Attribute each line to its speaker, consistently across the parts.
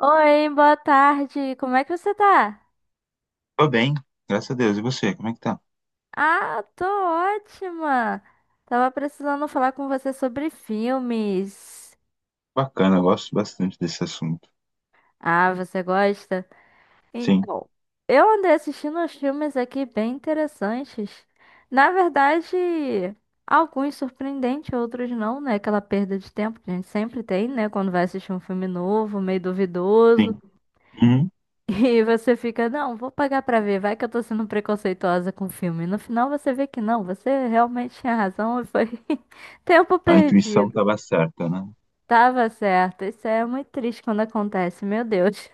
Speaker 1: Oi, boa tarde. Como é que você tá?
Speaker 2: Tô bem, graças a Deus. E você, como é que tá?
Speaker 1: Ah, tô ótima. Tava precisando falar com você sobre filmes.
Speaker 2: Bacana, eu gosto bastante desse assunto.
Speaker 1: Ah, você gosta?
Speaker 2: Sim,
Speaker 1: Então, eu andei assistindo uns filmes aqui bem interessantes. Na verdade, alguns surpreendentes, outros não, né? Aquela perda de tempo que a gente sempre tem, né? Quando vai assistir um filme novo, meio duvidoso.
Speaker 2: sim. Uhum.
Speaker 1: E você fica, não, vou pagar pra ver, vai que eu tô sendo preconceituosa com o filme. E no final você vê que não, você realmente tinha razão e foi tempo
Speaker 2: A intuição
Speaker 1: perdido.
Speaker 2: tava certa, né?
Speaker 1: Tava certo. Isso é muito triste quando acontece, meu Deus.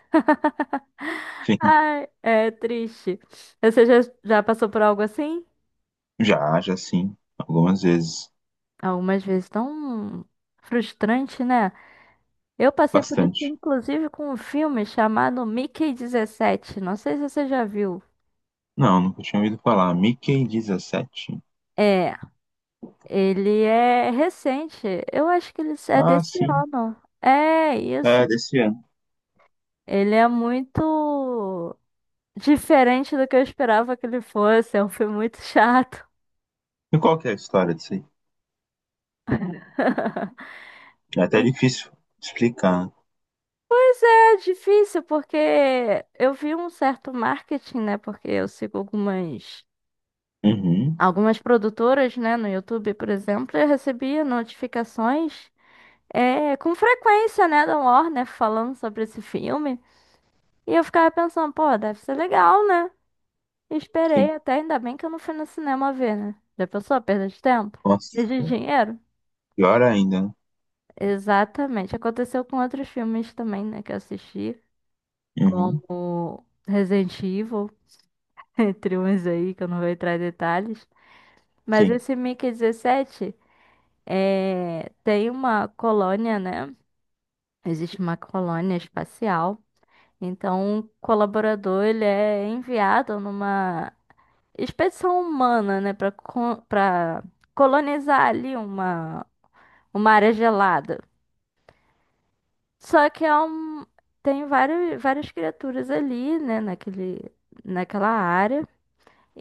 Speaker 2: Sim.
Speaker 1: Ai, é triste. Você já passou por algo assim?
Speaker 2: Já, já sim. Algumas vezes.
Speaker 1: Algumas vezes tão frustrante, né? Eu passei por isso,
Speaker 2: Bastante.
Speaker 1: inclusive, com um filme chamado Mickey 17. Não sei se você já viu.
Speaker 2: Não, nunca tinha ouvido falar. Mickey 17?
Speaker 1: É, ele é recente. Eu acho que ele é
Speaker 2: Ah,
Speaker 1: desse
Speaker 2: sim.
Speaker 1: ano. É isso.
Speaker 2: É, desse ano.
Speaker 1: Ele é muito diferente do que eu esperava que ele fosse. É um filme muito chato.
Speaker 2: E qual que é a história disso aí? É até
Speaker 1: E-
Speaker 2: difícil explicar.
Speaker 1: Pois é, difícil, porque eu vi um certo marketing, né? Porque eu sigo algumas,
Speaker 2: Uhum,
Speaker 1: algumas produtoras, né? No YouTube, por exemplo, eu recebia notificações com frequência, né? Da Warner falando sobre esse filme. E eu ficava pensando, pô, deve ser legal, né?
Speaker 2: sim.
Speaker 1: Esperei até, ainda bem que eu não fui no cinema ver, né? Já pensou a perda de tempo?
Speaker 2: Nossa,
Speaker 1: E de dinheiro?
Speaker 2: pior ainda, né?
Speaker 1: Exatamente. Aconteceu com outros filmes também, né, que eu assisti,
Speaker 2: Uhum,
Speaker 1: como Resident Evil, entre uns aí, que eu não vou entrar em detalhes. Mas
Speaker 2: sim.
Speaker 1: esse Mickey 17 tem uma colônia, né? Existe uma colônia espacial. Então, um colaborador, ele é enviado numa expedição humana, né, para colonizar ali uma área gelada. Só que é um tem várias criaturas ali, né, naquele naquela área,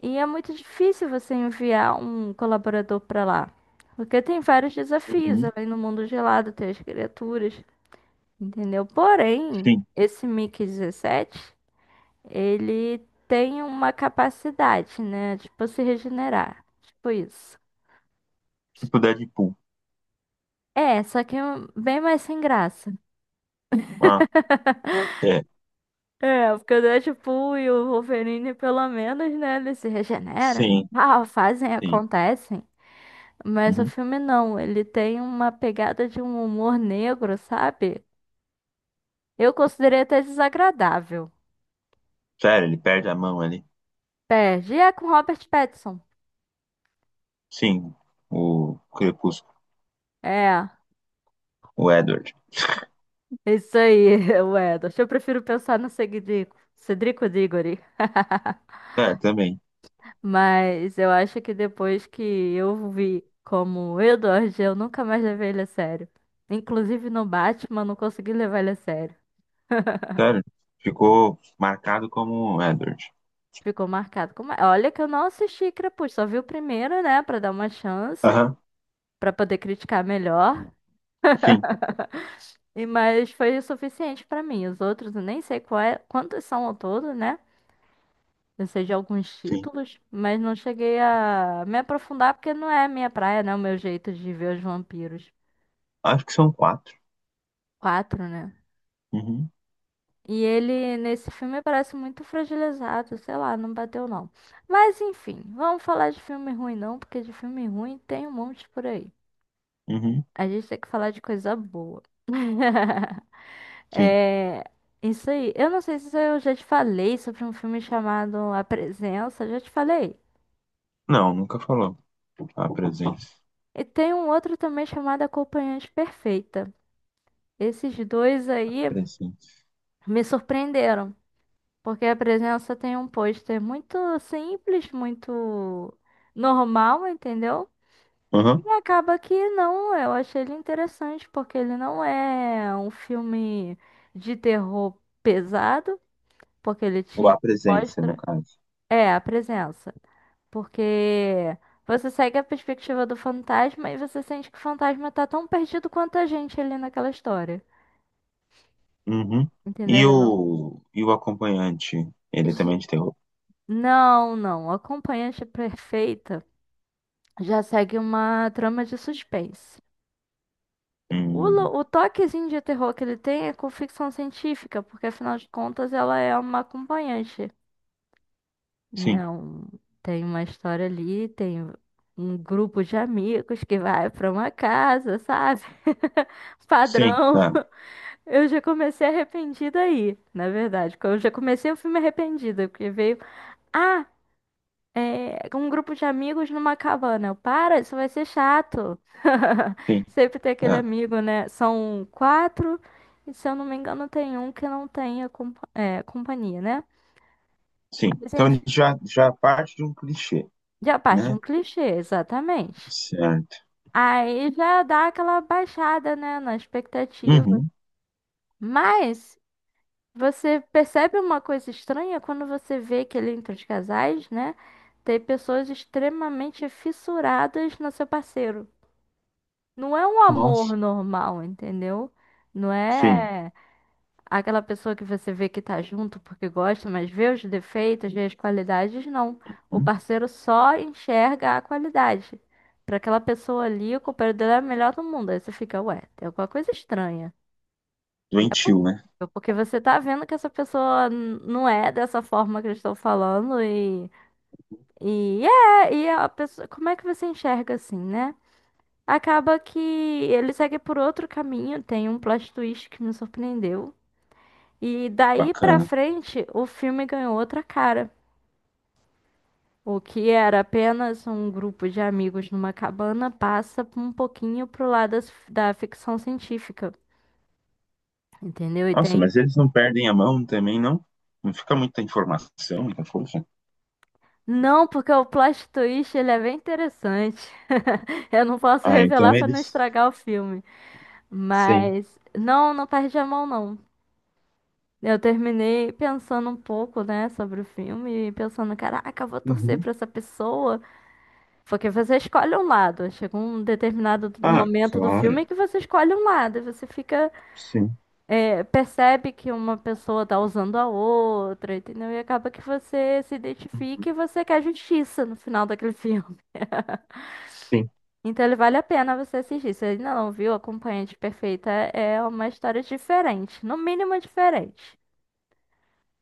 Speaker 1: e é muito difícil você enviar um colaborador para lá. Porque tem vários desafios
Speaker 2: Uhum,
Speaker 1: além no mundo gelado, tem as criaturas, entendeu? Porém,
Speaker 2: sim.
Speaker 1: esse Mickey dezessete ele tem uma capacidade, né, de tipo, se regenerar. Tipo isso.
Speaker 2: Tipo Deadpool.
Speaker 1: É, só que é um, bem mais sem graça.
Speaker 2: Ah, é.
Speaker 1: É, porque o Deadpool e o Wolverine, pelo menos, né, eles se regeneram,
Speaker 2: Sim,
Speaker 1: ah, fazem,
Speaker 2: sim.
Speaker 1: acontecem. Mas o
Speaker 2: Uhum.
Speaker 1: filme não, ele tem uma pegada de um humor negro, sabe? Eu considerei até desagradável.
Speaker 2: Sério, ele perde a mão ali.
Speaker 1: Perde, e é com Robert Pattinson.
Speaker 2: Sim, o Crepúsculo,
Speaker 1: É,
Speaker 2: o Edward.
Speaker 1: isso aí, o Wedas. Eu prefiro pensar no Cedrico, Cedrico Diggory.
Speaker 2: É, também.
Speaker 1: Mas eu acho que depois que eu vi como o Edward, eu nunca mais levei ele a sério. Inclusive no Batman, eu não consegui levar ele a sério.
Speaker 2: Sério, ficou marcado como Edward.
Speaker 1: Ficou marcado. Como... é. Olha que eu não assisti Crepúsculo, só vi o primeiro, né, pra dar uma chance,
Speaker 2: Aham,
Speaker 1: pra poder criticar melhor.
Speaker 2: sim,
Speaker 1: E mas foi o suficiente pra mim. Os outros eu nem sei quantos são ao todo, né? Eu sei de alguns
Speaker 2: sim.
Speaker 1: títulos, mas não cheguei a me aprofundar porque não é a minha praia, né? O meu jeito de ver os vampiros.
Speaker 2: Acho que são quatro.
Speaker 1: Quatro, né?
Speaker 2: Uhum,
Speaker 1: E ele, nesse filme, parece muito fragilizado, sei lá, não bateu não. Mas enfim, vamos falar de filme ruim não, porque de filme ruim tem um monte por aí.
Speaker 2: uhum,
Speaker 1: A gente tem que falar de coisa boa.
Speaker 2: sim.
Speaker 1: É, isso aí. Eu não sei se eu já te falei sobre um filme chamado A Presença, já te falei.
Speaker 2: Não, nunca falou. A presença.
Speaker 1: E tem um outro também chamado Acompanhante Perfeita. Esses dois aí
Speaker 2: Presença.
Speaker 1: me surpreenderam. Porque a presença tem um pôster muito simples, muito normal, entendeu?
Speaker 2: Uhum.
Speaker 1: E acaba que não, eu achei ele interessante, porque ele não é um filme de terror pesado, porque ele
Speaker 2: Ou
Speaker 1: te
Speaker 2: a presença, no
Speaker 1: mostra.
Speaker 2: caso.
Speaker 1: É, a presença. Porque você segue a perspectiva do fantasma e você sente que o fantasma tá tão perdido quanto a gente ali naquela história.
Speaker 2: Uhum.
Speaker 1: Entendeu?
Speaker 2: E
Speaker 1: Ele Não,
Speaker 2: o, e o acompanhante, ele
Speaker 1: Ge-
Speaker 2: também é de terror?
Speaker 1: não, não. A Acompanhante perfeita. Já segue uma trama de suspense. O,
Speaker 2: Hum,
Speaker 1: o toquezinho de terror que ele tem é com ficção científica, porque afinal de contas ela é uma acompanhante,
Speaker 2: sim,
Speaker 1: né? Tem uma história ali, tem um grupo de amigos que vai pra uma casa, sabe?
Speaker 2: sim,
Speaker 1: Padrão.
Speaker 2: tá,
Speaker 1: Eu já comecei arrependida aí, na verdade. Eu já comecei o filme arrependida, porque veio. Ah! É, com um grupo de amigos numa cabana. Eu, para, isso vai ser chato.
Speaker 2: sim,
Speaker 1: Sempre tem aquele
Speaker 2: tá,
Speaker 1: amigo, né? São quatro, e se eu não me engano, tem um que não tem a companhia, né?
Speaker 2: sim.
Speaker 1: Mas
Speaker 2: Então a
Speaker 1: enfim,
Speaker 2: já parte de um clichê,
Speaker 1: já parte de um
Speaker 2: né?
Speaker 1: clichê, exatamente.
Speaker 2: Certo.
Speaker 1: Aí já dá aquela baixada, né, na expectativa.
Speaker 2: Uhum.
Speaker 1: Mas você percebe uma coisa estranha quando você vê que ali entre os casais, né? Tem pessoas extremamente fissuradas no seu parceiro. Não é um amor
Speaker 2: Nossa.
Speaker 1: normal, entendeu? Não
Speaker 2: Sim.
Speaker 1: é aquela pessoa que você vê que tá junto porque gosta, mas vê os defeitos, vê as qualidades, não. O
Speaker 2: Hum,
Speaker 1: parceiro só enxerga a qualidade. Pra aquela pessoa ali, o companheiro dela é o melhor do mundo. Aí você fica, ué, tem alguma coisa estranha. É
Speaker 2: doentio, né?
Speaker 1: possível, porque você tá vendo que essa pessoa não é dessa forma que eles estão falando e. E é, e a pessoa. Como é que você enxerga assim, né? Acaba que ele segue por outro caminho, tem um plot twist que me surpreendeu. E daí pra
Speaker 2: Bacana.
Speaker 1: frente, o filme ganhou outra cara. O que era apenas um grupo de amigos numa cabana passa um pouquinho pro lado da ficção científica, entendeu? E
Speaker 2: Nossa,
Speaker 1: tem.
Speaker 2: mas eles não perdem a mão também, não? Não fica muita informação, muita força?
Speaker 1: Não, porque o plot twist ele é bem interessante. Eu não posso
Speaker 2: Ah,
Speaker 1: revelar
Speaker 2: então
Speaker 1: pra não
Speaker 2: eles.
Speaker 1: estragar o filme,
Speaker 2: Sim.
Speaker 1: mas não, não perde a mão não. Eu terminei pensando um pouco, né, sobre o filme, e pensando, caraca, eu vou torcer
Speaker 2: Uhum.
Speaker 1: pra essa pessoa. Porque você escolhe um lado, chega um determinado
Speaker 2: Ah,
Speaker 1: momento do
Speaker 2: claro.
Speaker 1: filme que você escolhe um lado, e você fica,
Speaker 2: Sim.
Speaker 1: percebe que uma pessoa tá usando a outra, entendeu? E acaba que você se identifica
Speaker 2: Uhum.
Speaker 1: e você quer justiça no final daquele filme.
Speaker 2: Sim.
Speaker 1: Então ele vale a pena você assistir. Se ainda não viu, Acompanhante Perfeita é uma história diferente, no mínimo diferente.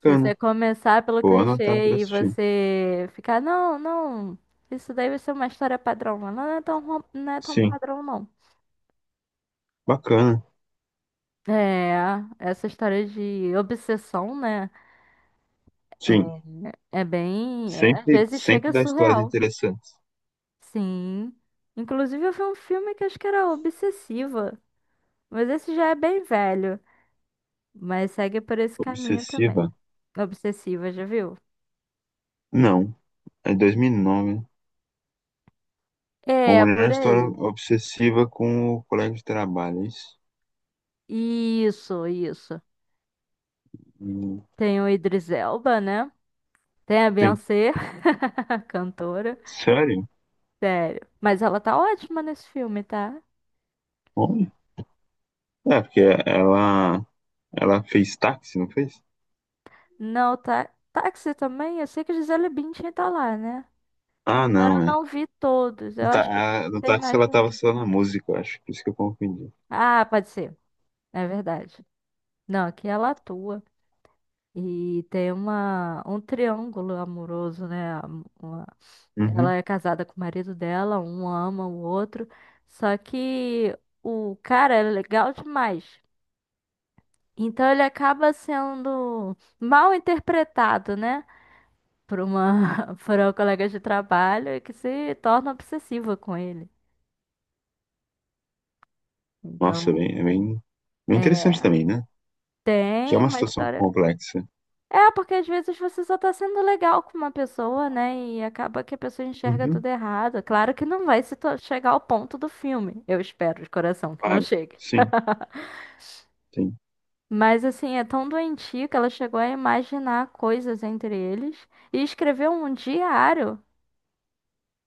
Speaker 1: Se você
Speaker 2: Bacana.
Speaker 1: começar pelo
Speaker 2: Vou anotar para
Speaker 1: clichê e
Speaker 2: assistir.
Speaker 1: você ficar, não, não, isso daí vai ser uma história padrão, mas não é tão, não é tão
Speaker 2: Sim.
Speaker 1: padrão, não.
Speaker 2: Bacana.
Speaker 1: É, essa história de obsessão, né?
Speaker 2: Sim.
Speaker 1: É é bem. Às
Speaker 2: Sempre,
Speaker 1: vezes chega
Speaker 2: sempre dá histórias
Speaker 1: surreal.
Speaker 2: interessantes.
Speaker 1: Sim. Inclusive, eu vi um filme que acho que era Obsessiva. Mas esse já é bem velho. Mas segue por esse caminho também.
Speaker 2: Obsessiva?
Speaker 1: Obsessiva, já viu?
Speaker 2: Não. É dois mil e nove. Uma
Speaker 1: É,
Speaker 2: mulher na
Speaker 1: por
Speaker 2: história
Speaker 1: aí.
Speaker 2: obsessiva com o colega de trabalho. É isso?
Speaker 1: Isso, isso.
Speaker 2: Hum.
Speaker 1: Tem o Idris Elba, né? Tem a
Speaker 2: Sim.
Speaker 1: Beyoncé, cantora.
Speaker 2: Sério?
Speaker 1: Sério. Mas ela tá ótima nesse filme, tá?
Speaker 2: Olha. É, porque ela, ela fez táxi, não fez?
Speaker 1: Não, tá. Táxi também, eu sei que Gisele Bündchen tá lá, né?
Speaker 2: Ah,
Speaker 1: Agora eu
Speaker 2: não, é.
Speaker 1: não vi todos.
Speaker 2: No,
Speaker 1: Eu
Speaker 2: tá,
Speaker 1: acho que
Speaker 2: no
Speaker 1: tem
Speaker 2: táxi
Speaker 1: mais
Speaker 2: ela
Speaker 1: de
Speaker 2: tava
Speaker 1: um.
Speaker 2: só na música, eu acho. Por isso que eu confundi.
Speaker 1: Ah, pode ser. É verdade. Não, aqui ela atua. E tem uma, um triângulo amoroso, né? Ela
Speaker 2: Uhum.
Speaker 1: é casada com o marido dela, um ama o outro. Só que o cara é legal demais. Então ele acaba sendo mal interpretado, né? Por uma, por uma colega de trabalho que se torna obsessiva com ele.
Speaker 2: Nossa,
Speaker 1: Então,
Speaker 2: é bem interessante
Speaker 1: é,
Speaker 2: também, né? Que é
Speaker 1: tem
Speaker 2: uma
Speaker 1: uma
Speaker 2: situação
Speaker 1: história.
Speaker 2: complexa.
Speaker 1: É, porque às vezes você só tá sendo legal com uma pessoa, né? E acaba que a pessoa enxerga
Speaker 2: Uhum.
Speaker 1: tudo errado. Claro que não vai se chegar ao ponto do filme. Eu espero de coração que não
Speaker 2: Claro.
Speaker 1: chegue.
Speaker 2: Sim, sim.
Speaker 1: Mas assim, é tão doentio que ela chegou a imaginar coisas entre eles e escreveu um diário.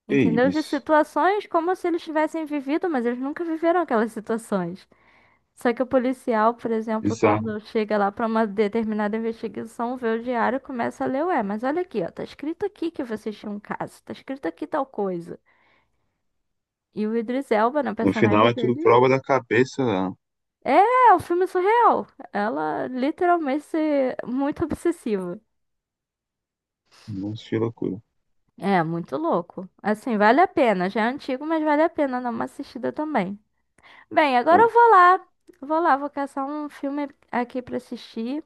Speaker 2: Que
Speaker 1: Entendeu? De
Speaker 2: isso.
Speaker 1: situações como se eles tivessem vivido, mas eles nunca viveram aquelas situações. Só que o policial, por exemplo,
Speaker 2: Bizarro.
Speaker 1: quando chega lá para uma determinada investigação, vê o diário e começa a ler, ué, mas olha aqui, ó, tá escrito aqui que vocês tinham um caso, tá escrito aqui tal coisa. E o Idris Elba, na
Speaker 2: No final
Speaker 1: personagem
Speaker 2: é tudo
Speaker 1: dele,
Speaker 2: prova da cabeça.
Speaker 1: é é um filme surreal. Ela literalmente muito obsessiva.
Speaker 2: Nossa, que loucura.
Speaker 1: É, muito louco. Assim, vale a pena. Já é antigo, mas vale a pena dar uma assistida também. Bem,
Speaker 2: É,
Speaker 1: agora eu vou lá. Vou lá, vou caçar um filme aqui pra assistir,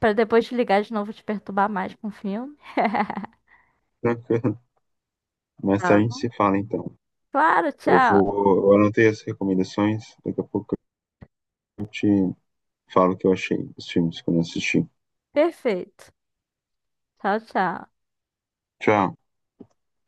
Speaker 1: pra depois te ligar de novo e te perturbar mais com o filme.
Speaker 2: tranquilo. Mais tarde
Speaker 1: Tá
Speaker 2: a gente
Speaker 1: bom?
Speaker 2: se fala, então.
Speaker 1: Claro,
Speaker 2: Eu
Speaker 1: tchau.
Speaker 2: vou, eu anotei as recomendações. Daqui a pouco eu te falo o que eu achei dos filmes que eu não assisti.
Speaker 1: Perfeito. Tchau, tchau.
Speaker 2: Tchau.